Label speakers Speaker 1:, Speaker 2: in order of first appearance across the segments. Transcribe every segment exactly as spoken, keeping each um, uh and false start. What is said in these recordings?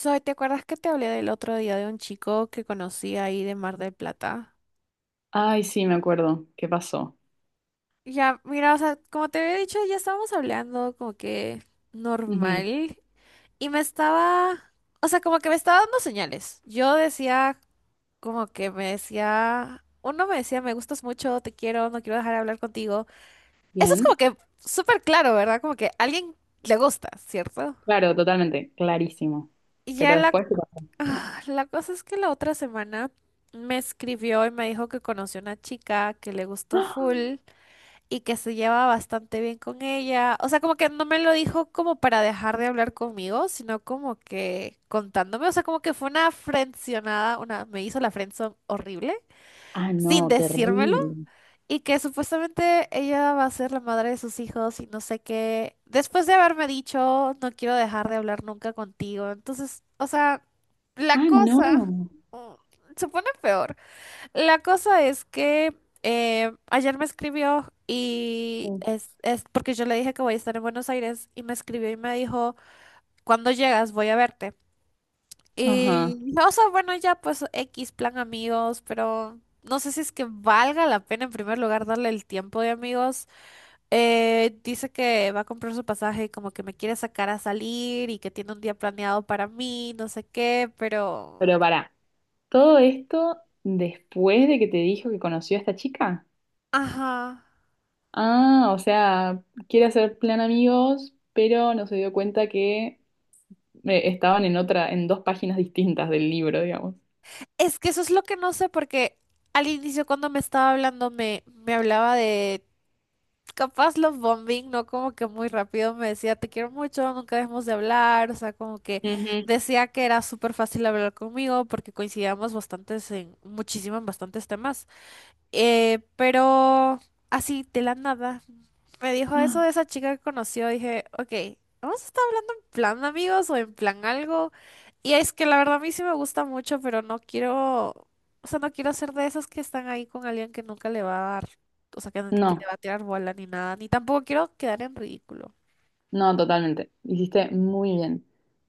Speaker 1: Zoe, ¿te acuerdas que te hablé del otro día de un chico que conocí ahí de Mar del Plata?
Speaker 2: Ay, sí, me acuerdo. ¿Qué pasó?
Speaker 1: Ya, mira, o sea, como te había dicho, ya estábamos hablando como que
Speaker 2: Ujú.
Speaker 1: normal y me estaba, o sea, como que me estaba dando señales. Yo decía, como que me decía, uno me decía, me gustas mucho, te quiero, no quiero dejar de hablar contigo. Eso es
Speaker 2: Bien.
Speaker 1: como que súper claro, ¿verdad? Como que a alguien le gusta, ¿cierto?
Speaker 2: Claro, totalmente. Clarísimo.
Speaker 1: Y
Speaker 2: Pero
Speaker 1: ya la
Speaker 2: después, ¿qué pasó?
Speaker 1: Ah, la cosa es que la otra semana me escribió y me dijo que conoció una chica que le gustó
Speaker 2: ¡Ah!
Speaker 1: full y que se lleva bastante bien con ella. O sea, como que no me lo dijo como para dejar de hablar conmigo, sino como que contándome. O sea, como que fue una frencionada, una, me hizo la friendzone horrible
Speaker 2: Ah,
Speaker 1: sin
Speaker 2: no,
Speaker 1: decírmelo.
Speaker 2: terrible.
Speaker 1: Y que supuestamente ella va a ser la madre de sus hijos y no sé qué. Después de haberme dicho, no quiero dejar de hablar nunca contigo. Entonces, o sea, la
Speaker 2: Ah,
Speaker 1: cosa
Speaker 2: no.
Speaker 1: mm, se pone peor. La cosa es que eh, ayer me escribió y es, es porque yo le dije que voy a estar en Buenos Aires y me escribió y me dijo, cuando llegas voy a verte. Y
Speaker 2: Ajá.
Speaker 1: dije, o sea, bueno, ya pues X plan amigos, pero no sé si es que valga la pena en primer lugar darle el tiempo de amigos. Eh, dice que va a comprar su pasaje, como que me quiere sacar a salir y que tiene un día planeado para mí, no sé qué, pero...
Speaker 2: Pero pará, ¿todo esto después de que te dijo que conoció a esta chica?
Speaker 1: Ajá.
Speaker 2: Ah, o sea, quiere hacer plan amigos, pero no se dio cuenta que eh, estaban en otra, en dos páginas distintas del libro, digamos.
Speaker 1: Es que eso es lo que no sé porque al inicio cuando me estaba hablando me, me hablaba de... capaz love bombing, ¿no? Como que muy rápido me decía, te quiero mucho, nunca dejemos de hablar, o sea, como que
Speaker 2: Ujú.
Speaker 1: decía que era súper fácil hablar conmigo porque coincidíamos bastantes en muchísimo en bastantes temas. Eh, pero así, de la nada. Me dijo eso de esa chica que conoció. Dije, ok, ¿vamos a estar hablando en plan amigos o en plan algo? Y es que la verdad a mí sí me gusta mucho, pero no quiero, o sea, no quiero ser de esas que están ahí con alguien que nunca le va a dar, o sea, que, no- que le
Speaker 2: No.
Speaker 1: va a tirar bola ni nada, ni tampoco quiero quedar en ridículo.
Speaker 2: No, totalmente. Hiciste muy bien.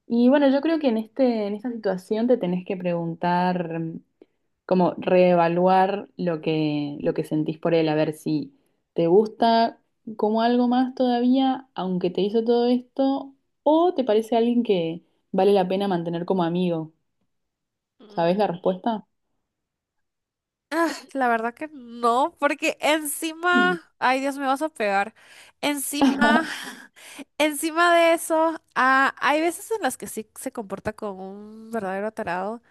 Speaker 2: Y bueno, yo creo que en este, en esta situación te tenés que preguntar, mm, como reevaluar lo que, lo que sentís por él, a ver si te gusta como algo más todavía, aunque te hizo todo esto, o te parece alguien que vale la pena mantener como amigo. ¿Sabés la
Speaker 1: Mm,
Speaker 2: respuesta?
Speaker 1: ah, la verdad que no, porque
Speaker 2: Mm.
Speaker 1: encima, ay Dios, me vas a pegar. Encima, encima de eso, ah, hay veces en las que sí se comporta como un verdadero tarado.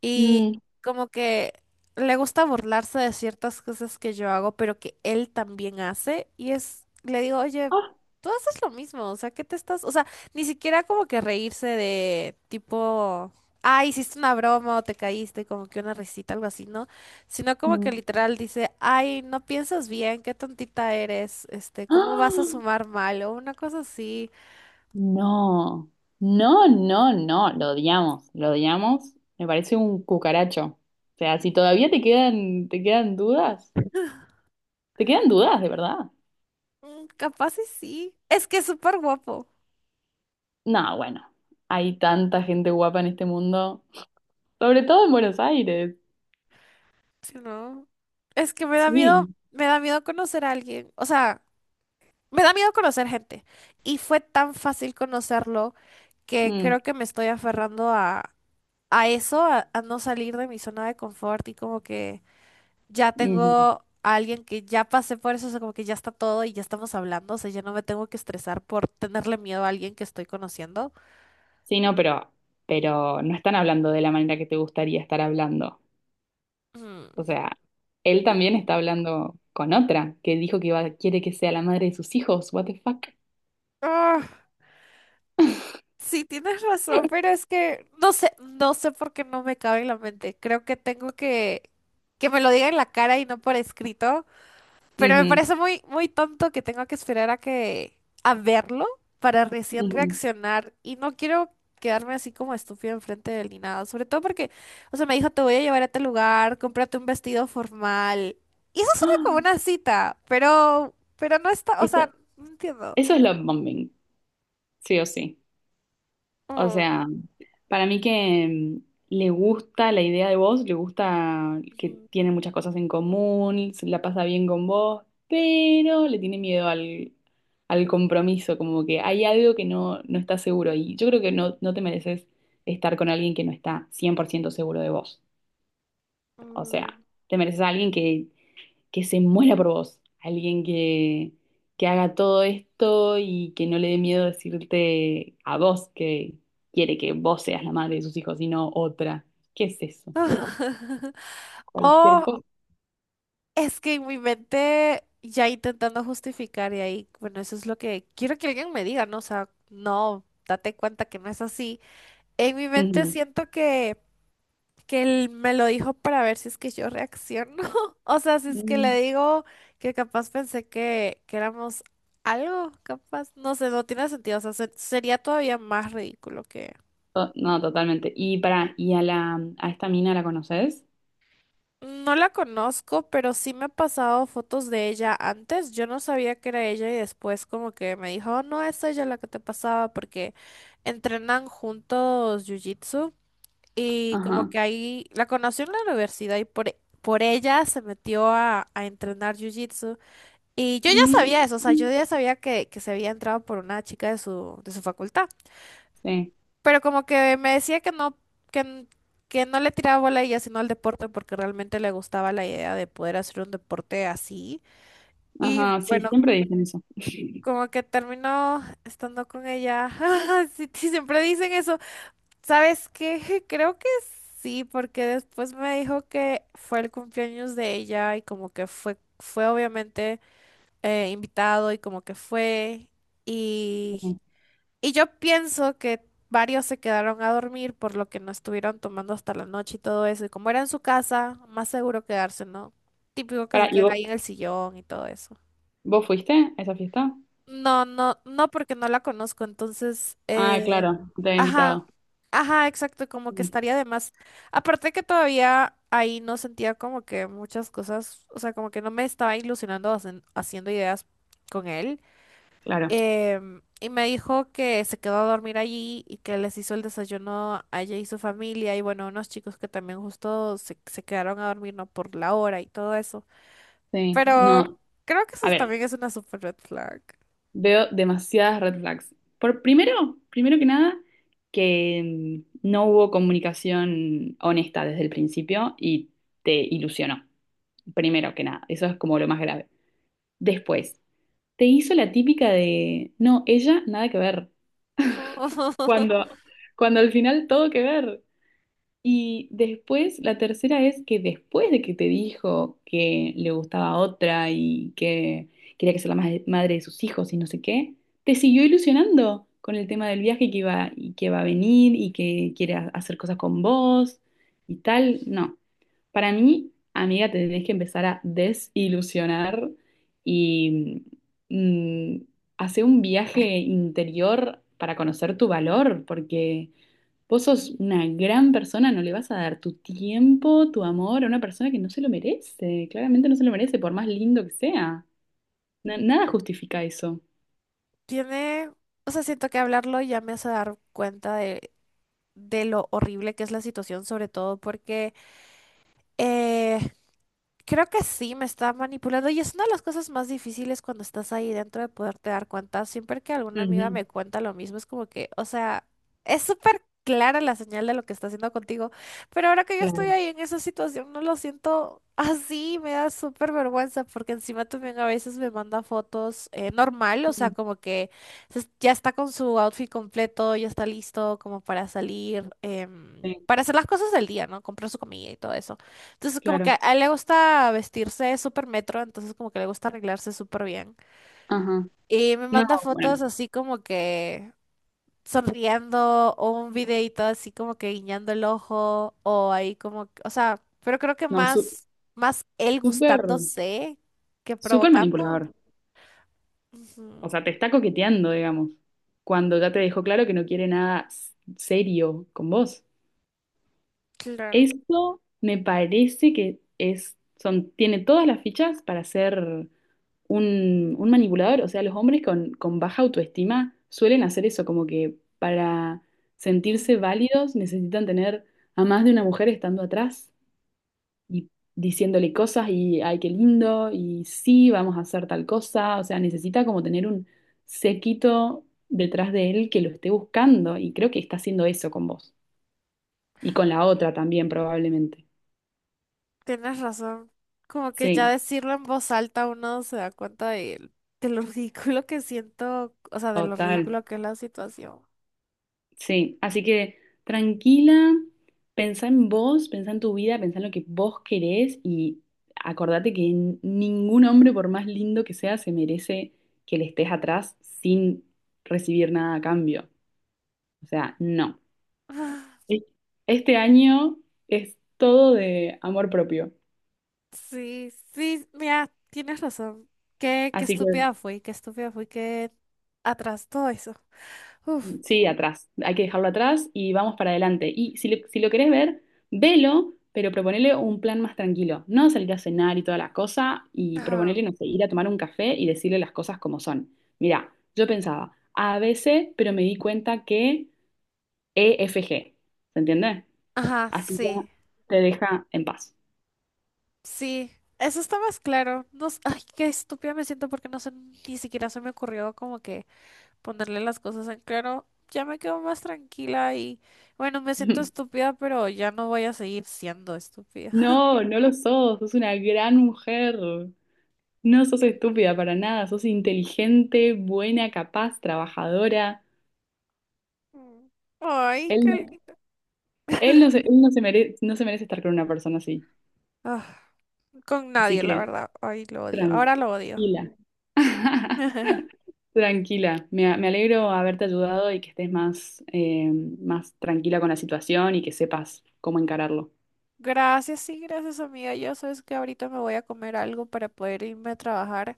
Speaker 1: Y
Speaker 2: Mm.
Speaker 1: como que le gusta burlarse de ciertas cosas que yo hago, pero que él también hace. Y es, le digo, oye,
Speaker 2: Ah.
Speaker 1: tú haces lo mismo, o sea, ¿qué te estás? O sea, ni siquiera como que reírse de tipo, ah, hiciste una broma o te caíste, como que una risita, algo así, ¿no? Sino como que
Speaker 2: Mm.
Speaker 1: literal dice, ay, no piensas bien, qué tontita eres, este, ¿cómo vas a
Speaker 2: ¡Ah!
Speaker 1: sumar mal? O una cosa así.
Speaker 2: No, no, no, no, lo odiamos, lo odiamos. Me parece un cucaracho. O sea, si todavía te quedan, te quedan dudas, te quedan dudas, de verdad.
Speaker 1: Mm, capaz y sí. Es que es súper guapo.
Speaker 2: No, bueno, hay tanta gente guapa en este mundo, sobre todo en Buenos Aires.
Speaker 1: Sí, no. Es que me da miedo,
Speaker 2: Sí.
Speaker 1: me da miedo conocer a alguien. O sea, me da miedo conocer gente. Y fue tan fácil conocerlo que
Speaker 2: Mm,
Speaker 1: creo que me estoy aferrando a, a eso, a, a no salir de mi zona de confort y como que ya
Speaker 2: ujú.
Speaker 1: tengo a alguien que ya pasé por eso, o sea, como que ya está todo y ya estamos hablando, o sea, ya no me tengo que estresar por tenerle miedo a alguien que estoy conociendo.
Speaker 2: Sí, no, pero, pero no están hablando de la manera que te gustaría estar hablando. O
Speaker 1: Mm.
Speaker 2: sea, él también está hablando con otra que dijo que iba- quiere que sea la madre de sus hijos. What the fuck?
Speaker 1: Ah, sí, tienes razón, pero es que no sé, no sé por qué no me cabe en la mente. Creo que tengo que que me lo diga en la cara y no por escrito, pero me
Speaker 2: Ujú,
Speaker 1: parece muy muy tonto que tengo que esperar a que a verlo para recién
Speaker 2: ujú.
Speaker 1: reaccionar y no quiero quedarme así como estúpido enfrente de él ni nada, sobre todo porque o sea, me dijo, "Te voy a llevar a este lugar, cómprate un vestido formal." Y eso suena como
Speaker 2: ¡Ah!
Speaker 1: una cita, pero pero no está, o sea,
Speaker 2: Eso,
Speaker 1: no entiendo.
Speaker 2: eso es love bombing, sí o sí. O
Speaker 1: Mm.
Speaker 2: sea, para mí que mm, le gusta la idea de vos, le gusta que
Speaker 1: Ujú.
Speaker 2: tiene muchas cosas en común, se la pasa bien con vos, pero le tiene miedo al, al compromiso, como que hay algo que no, no está seguro. Y yo creo que no, no te mereces estar con alguien que no está cien por ciento seguro de vos. O
Speaker 1: Mm.
Speaker 2: sea, te mereces a alguien que que se muera por vos, alguien que, que haga todo esto y que no le dé miedo decirte a vos que quiere que vos seas la madre de sus hijos y no otra. ¿Qué es eso? Cualquier
Speaker 1: O
Speaker 2: cosa.
Speaker 1: es que en mi mente ya intentando justificar y ahí, bueno, eso es lo que quiero que alguien me diga, ¿no? O sea, no, date cuenta que no es así. En mi mente
Speaker 2: Ujú.
Speaker 1: siento que, que él me lo dijo para ver si es que yo reacciono. O sea, si es que le
Speaker 2: Mm,
Speaker 1: digo que capaz pensé que, que éramos algo, capaz, no sé, no tiene sentido. O sea, se- sería todavía más ridículo.
Speaker 2: to- No, totalmente. Y para, ¿y a la a esta mina la conoces?
Speaker 1: No la conozco, pero sí me ha pasado fotos de ella antes. Yo no sabía que era ella y después como que me dijo, "Oh, no, es ella la que te pasaba porque entrenan juntos jiu-jitsu y como
Speaker 2: Ajá.
Speaker 1: que ahí la conoció en la universidad y por, por ella se metió a, a entrenar jiu-jitsu. Y yo ya
Speaker 2: Mm,
Speaker 1: sabía eso, o sea, yo ya sabía que, que se había entrado por una chica de su, de su facultad.
Speaker 2: sí.
Speaker 1: Pero como que me decía que no, que, n- que no le tiraba bola a ella, sino al deporte, porque realmente le gustaba la idea de poder hacer un deporte así. Y
Speaker 2: Ajá, sí,
Speaker 1: bueno,
Speaker 2: siempre dicen eso.
Speaker 1: como que terminó estando con ella. Sí, sí, siempre dicen eso. ¿Sabes qué? Creo que sí, porque después me dijo que fue el cumpleaños de ella y como que fue, fue obviamente eh, invitado y como que fue. Y yo pienso que varios se quedaron a dormir por lo que no estuvieron tomando hasta la noche y todo eso. Y como era en su casa, más seguro quedarse, ¿no? Típico que se
Speaker 2: Para, ¿y
Speaker 1: queden
Speaker 2: vos,
Speaker 1: ahí en el sillón y todo eso.
Speaker 2: vos fuiste a esa fiesta?
Speaker 1: No, no, no, porque no la conozco. Entonces,
Speaker 2: Ah,
Speaker 1: eh,
Speaker 2: claro, te había
Speaker 1: ajá,
Speaker 2: invitado.
Speaker 1: ajá, exacto, como que
Speaker 2: Mm.
Speaker 1: estaría de más. Aparte que todavía ahí no sentía como que muchas cosas, o sea, como que no me estaba ilusionando hacen- haciendo ideas con él.
Speaker 2: Claro.
Speaker 1: Em, y me dijo que se quedó a dormir allí y que les hizo el desayuno a ella y su familia y bueno, unos chicos que también justo se, se quedaron a dormir, ¿no? Por la hora y todo eso.
Speaker 2: Sí,
Speaker 1: Pero
Speaker 2: no.
Speaker 1: creo que
Speaker 2: A
Speaker 1: eso
Speaker 2: ver,
Speaker 1: también es una super red flag.
Speaker 2: veo demasiadas red flags. Por primero, primero que nada, que mm, no hubo comunicación honesta desde el principio y te ilusionó. Primero que nada, eso es como lo más grave. Después, te hizo la típica de, no, ella nada que ver. Cuando, cuando al final todo que ver. Y después, la tercera es que después de que te dijo que le gustaba otra y que quería que sea la ma- madre de sus hijos y no sé qué, te siguió ilusionando con el tema del viaje y que iba, y que va a venir y que quiere ha- hacer cosas con vos y tal. No, para mí, amiga, te tenés que empezar a desilusionar y mm, hacer un viaje interior para conocer tu valor, porque... Vos sos una gran persona, no le vas a dar tu tiempo, tu amor a una persona que no se lo merece. Claramente no se lo merece, por más lindo que sea. Na- nada justifica eso.
Speaker 1: Tiene, o sea, siento que hablarlo ya me hace dar cuenta de, de lo horrible que es la situación, sobre todo porque eh, creo que sí, me está manipulando y es una de las cosas más difíciles cuando estás ahí dentro de poderte dar cuenta. Siempre que alguna amiga
Speaker 2: Ujú.
Speaker 1: me cuenta lo mismo, es como que, o sea, es súper clara la señal de lo que está haciendo contigo, pero ahora que yo estoy
Speaker 2: Claro.
Speaker 1: ahí en esa situación, no lo siento así, me da súper vergüenza porque encima también a veces me manda fotos eh, normal, o sea,
Speaker 2: Ujú.
Speaker 1: como que se- ya está con su outfit completo, ya está listo como para salir, em,
Speaker 2: Sí,
Speaker 1: para hacer las cosas del día, ¿no? Comprar su comida y todo eso. Entonces, como que
Speaker 2: claro.
Speaker 1: a él le gusta vestirse súper metro, entonces como que le gusta arreglarse súper bien.
Speaker 2: Ajá.
Speaker 1: Y me
Speaker 2: No,
Speaker 1: manda
Speaker 2: bueno,
Speaker 1: fotos así como que sonriendo o un videito así como que guiñando el ojo o ahí como, que- o sea, pero creo que
Speaker 2: no, su-
Speaker 1: más, más él
Speaker 2: súper,
Speaker 1: gustándose que
Speaker 2: súper
Speaker 1: provocando.
Speaker 2: manipulador. O
Speaker 1: Ujú,
Speaker 2: sea, te está coqueteando, digamos, cuando ya te dejó claro que no quiere nada s- serio con vos.
Speaker 1: claro,
Speaker 2: Eso me parece que es, son, tiene todas las fichas para ser un, un manipulador. O sea, los hombres con, con baja autoestima suelen hacer eso, como que para
Speaker 1: ujú,
Speaker 2: sentirse válidos necesitan tener a más de una mujer estando atrás y diciéndole cosas y, ay, qué lindo, y sí, vamos a hacer tal cosa. O sea, necesita como tener un séquito detrás de él que lo esté buscando y creo que está haciendo eso con vos y con la otra también probablemente.
Speaker 1: tienes razón. Como que ya
Speaker 2: Sí,
Speaker 1: decirlo en voz alta uno se da cuenta de, de lo ridículo que siento, o sea, de lo
Speaker 2: total.
Speaker 1: ridículo que es la situación.
Speaker 2: Sí, así que tranquila, pensá en vos, pensá en tu vida, pensá en lo que vos querés y acordate que n- ningún hombre, por más lindo que sea, se merece que le estés atrás sin recibir nada a cambio. O sea, no. E- Este año es todo de amor propio.
Speaker 1: Sí, sí, mira, tienes razón. Qué, qué
Speaker 2: Así que
Speaker 1: estúpida fui, qué estúpida fui que atrás todo eso. Uf,
Speaker 2: sí, atrás. Hay que dejarlo atrás y vamos para adelante. Y si, le- si lo querés ver, velo, pero proponele un plan más tranquilo. No salir a cenar y toda la cosa y proponele,
Speaker 1: ajá,
Speaker 2: no sé, ir a tomar un café y decirle las cosas como son. Mira, yo pensaba a ABC, pero me di cuenta que E F G. ¿Se entiende?
Speaker 1: ajá,
Speaker 2: Así ya
Speaker 1: sí,
Speaker 2: te deja en paz.
Speaker 1: sí. Eso está más claro. No, s- ay, qué estúpida me siento porque no sé, ni siquiera se me ocurrió como que ponerle las cosas en claro. Ya me quedo más tranquila y bueno, me siento estúpida, pero ya no voy a seguir siendo estúpida.
Speaker 2: No, no lo sos. Sos una gran mujer. No sos estúpida para nada. Sos inteligente, buena, capaz, trabajadora.
Speaker 1: Mm. Ay,
Speaker 2: Él
Speaker 1: qué
Speaker 2: no
Speaker 1: lindo.
Speaker 2: Él no se, él no se merece, no se merece estar con una persona así.
Speaker 1: Ah, con
Speaker 2: Así
Speaker 1: nadie, la
Speaker 2: que
Speaker 1: verdad. Ay, lo odio. Ahora lo odio.
Speaker 2: tranquila. Tranquila. Me, a- me alegro haberte ayudado y que estés más, eh, más tranquila con la situación y que sepas cómo encararlo.
Speaker 1: Gracias, sí, gracias amiga. Yo sabes que ahorita me voy a comer algo para poder irme a trabajar,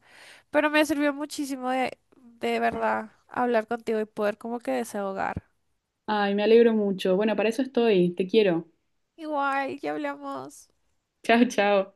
Speaker 1: pero me sirvió muchísimo de, de verdad hablar contigo y poder como que desahogar.
Speaker 2: Ay, me alegro mucho. Bueno, para eso estoy. Te quiero.
Speaker 1: Igual, ya hablamos.
Speaker 2: Chao, chao.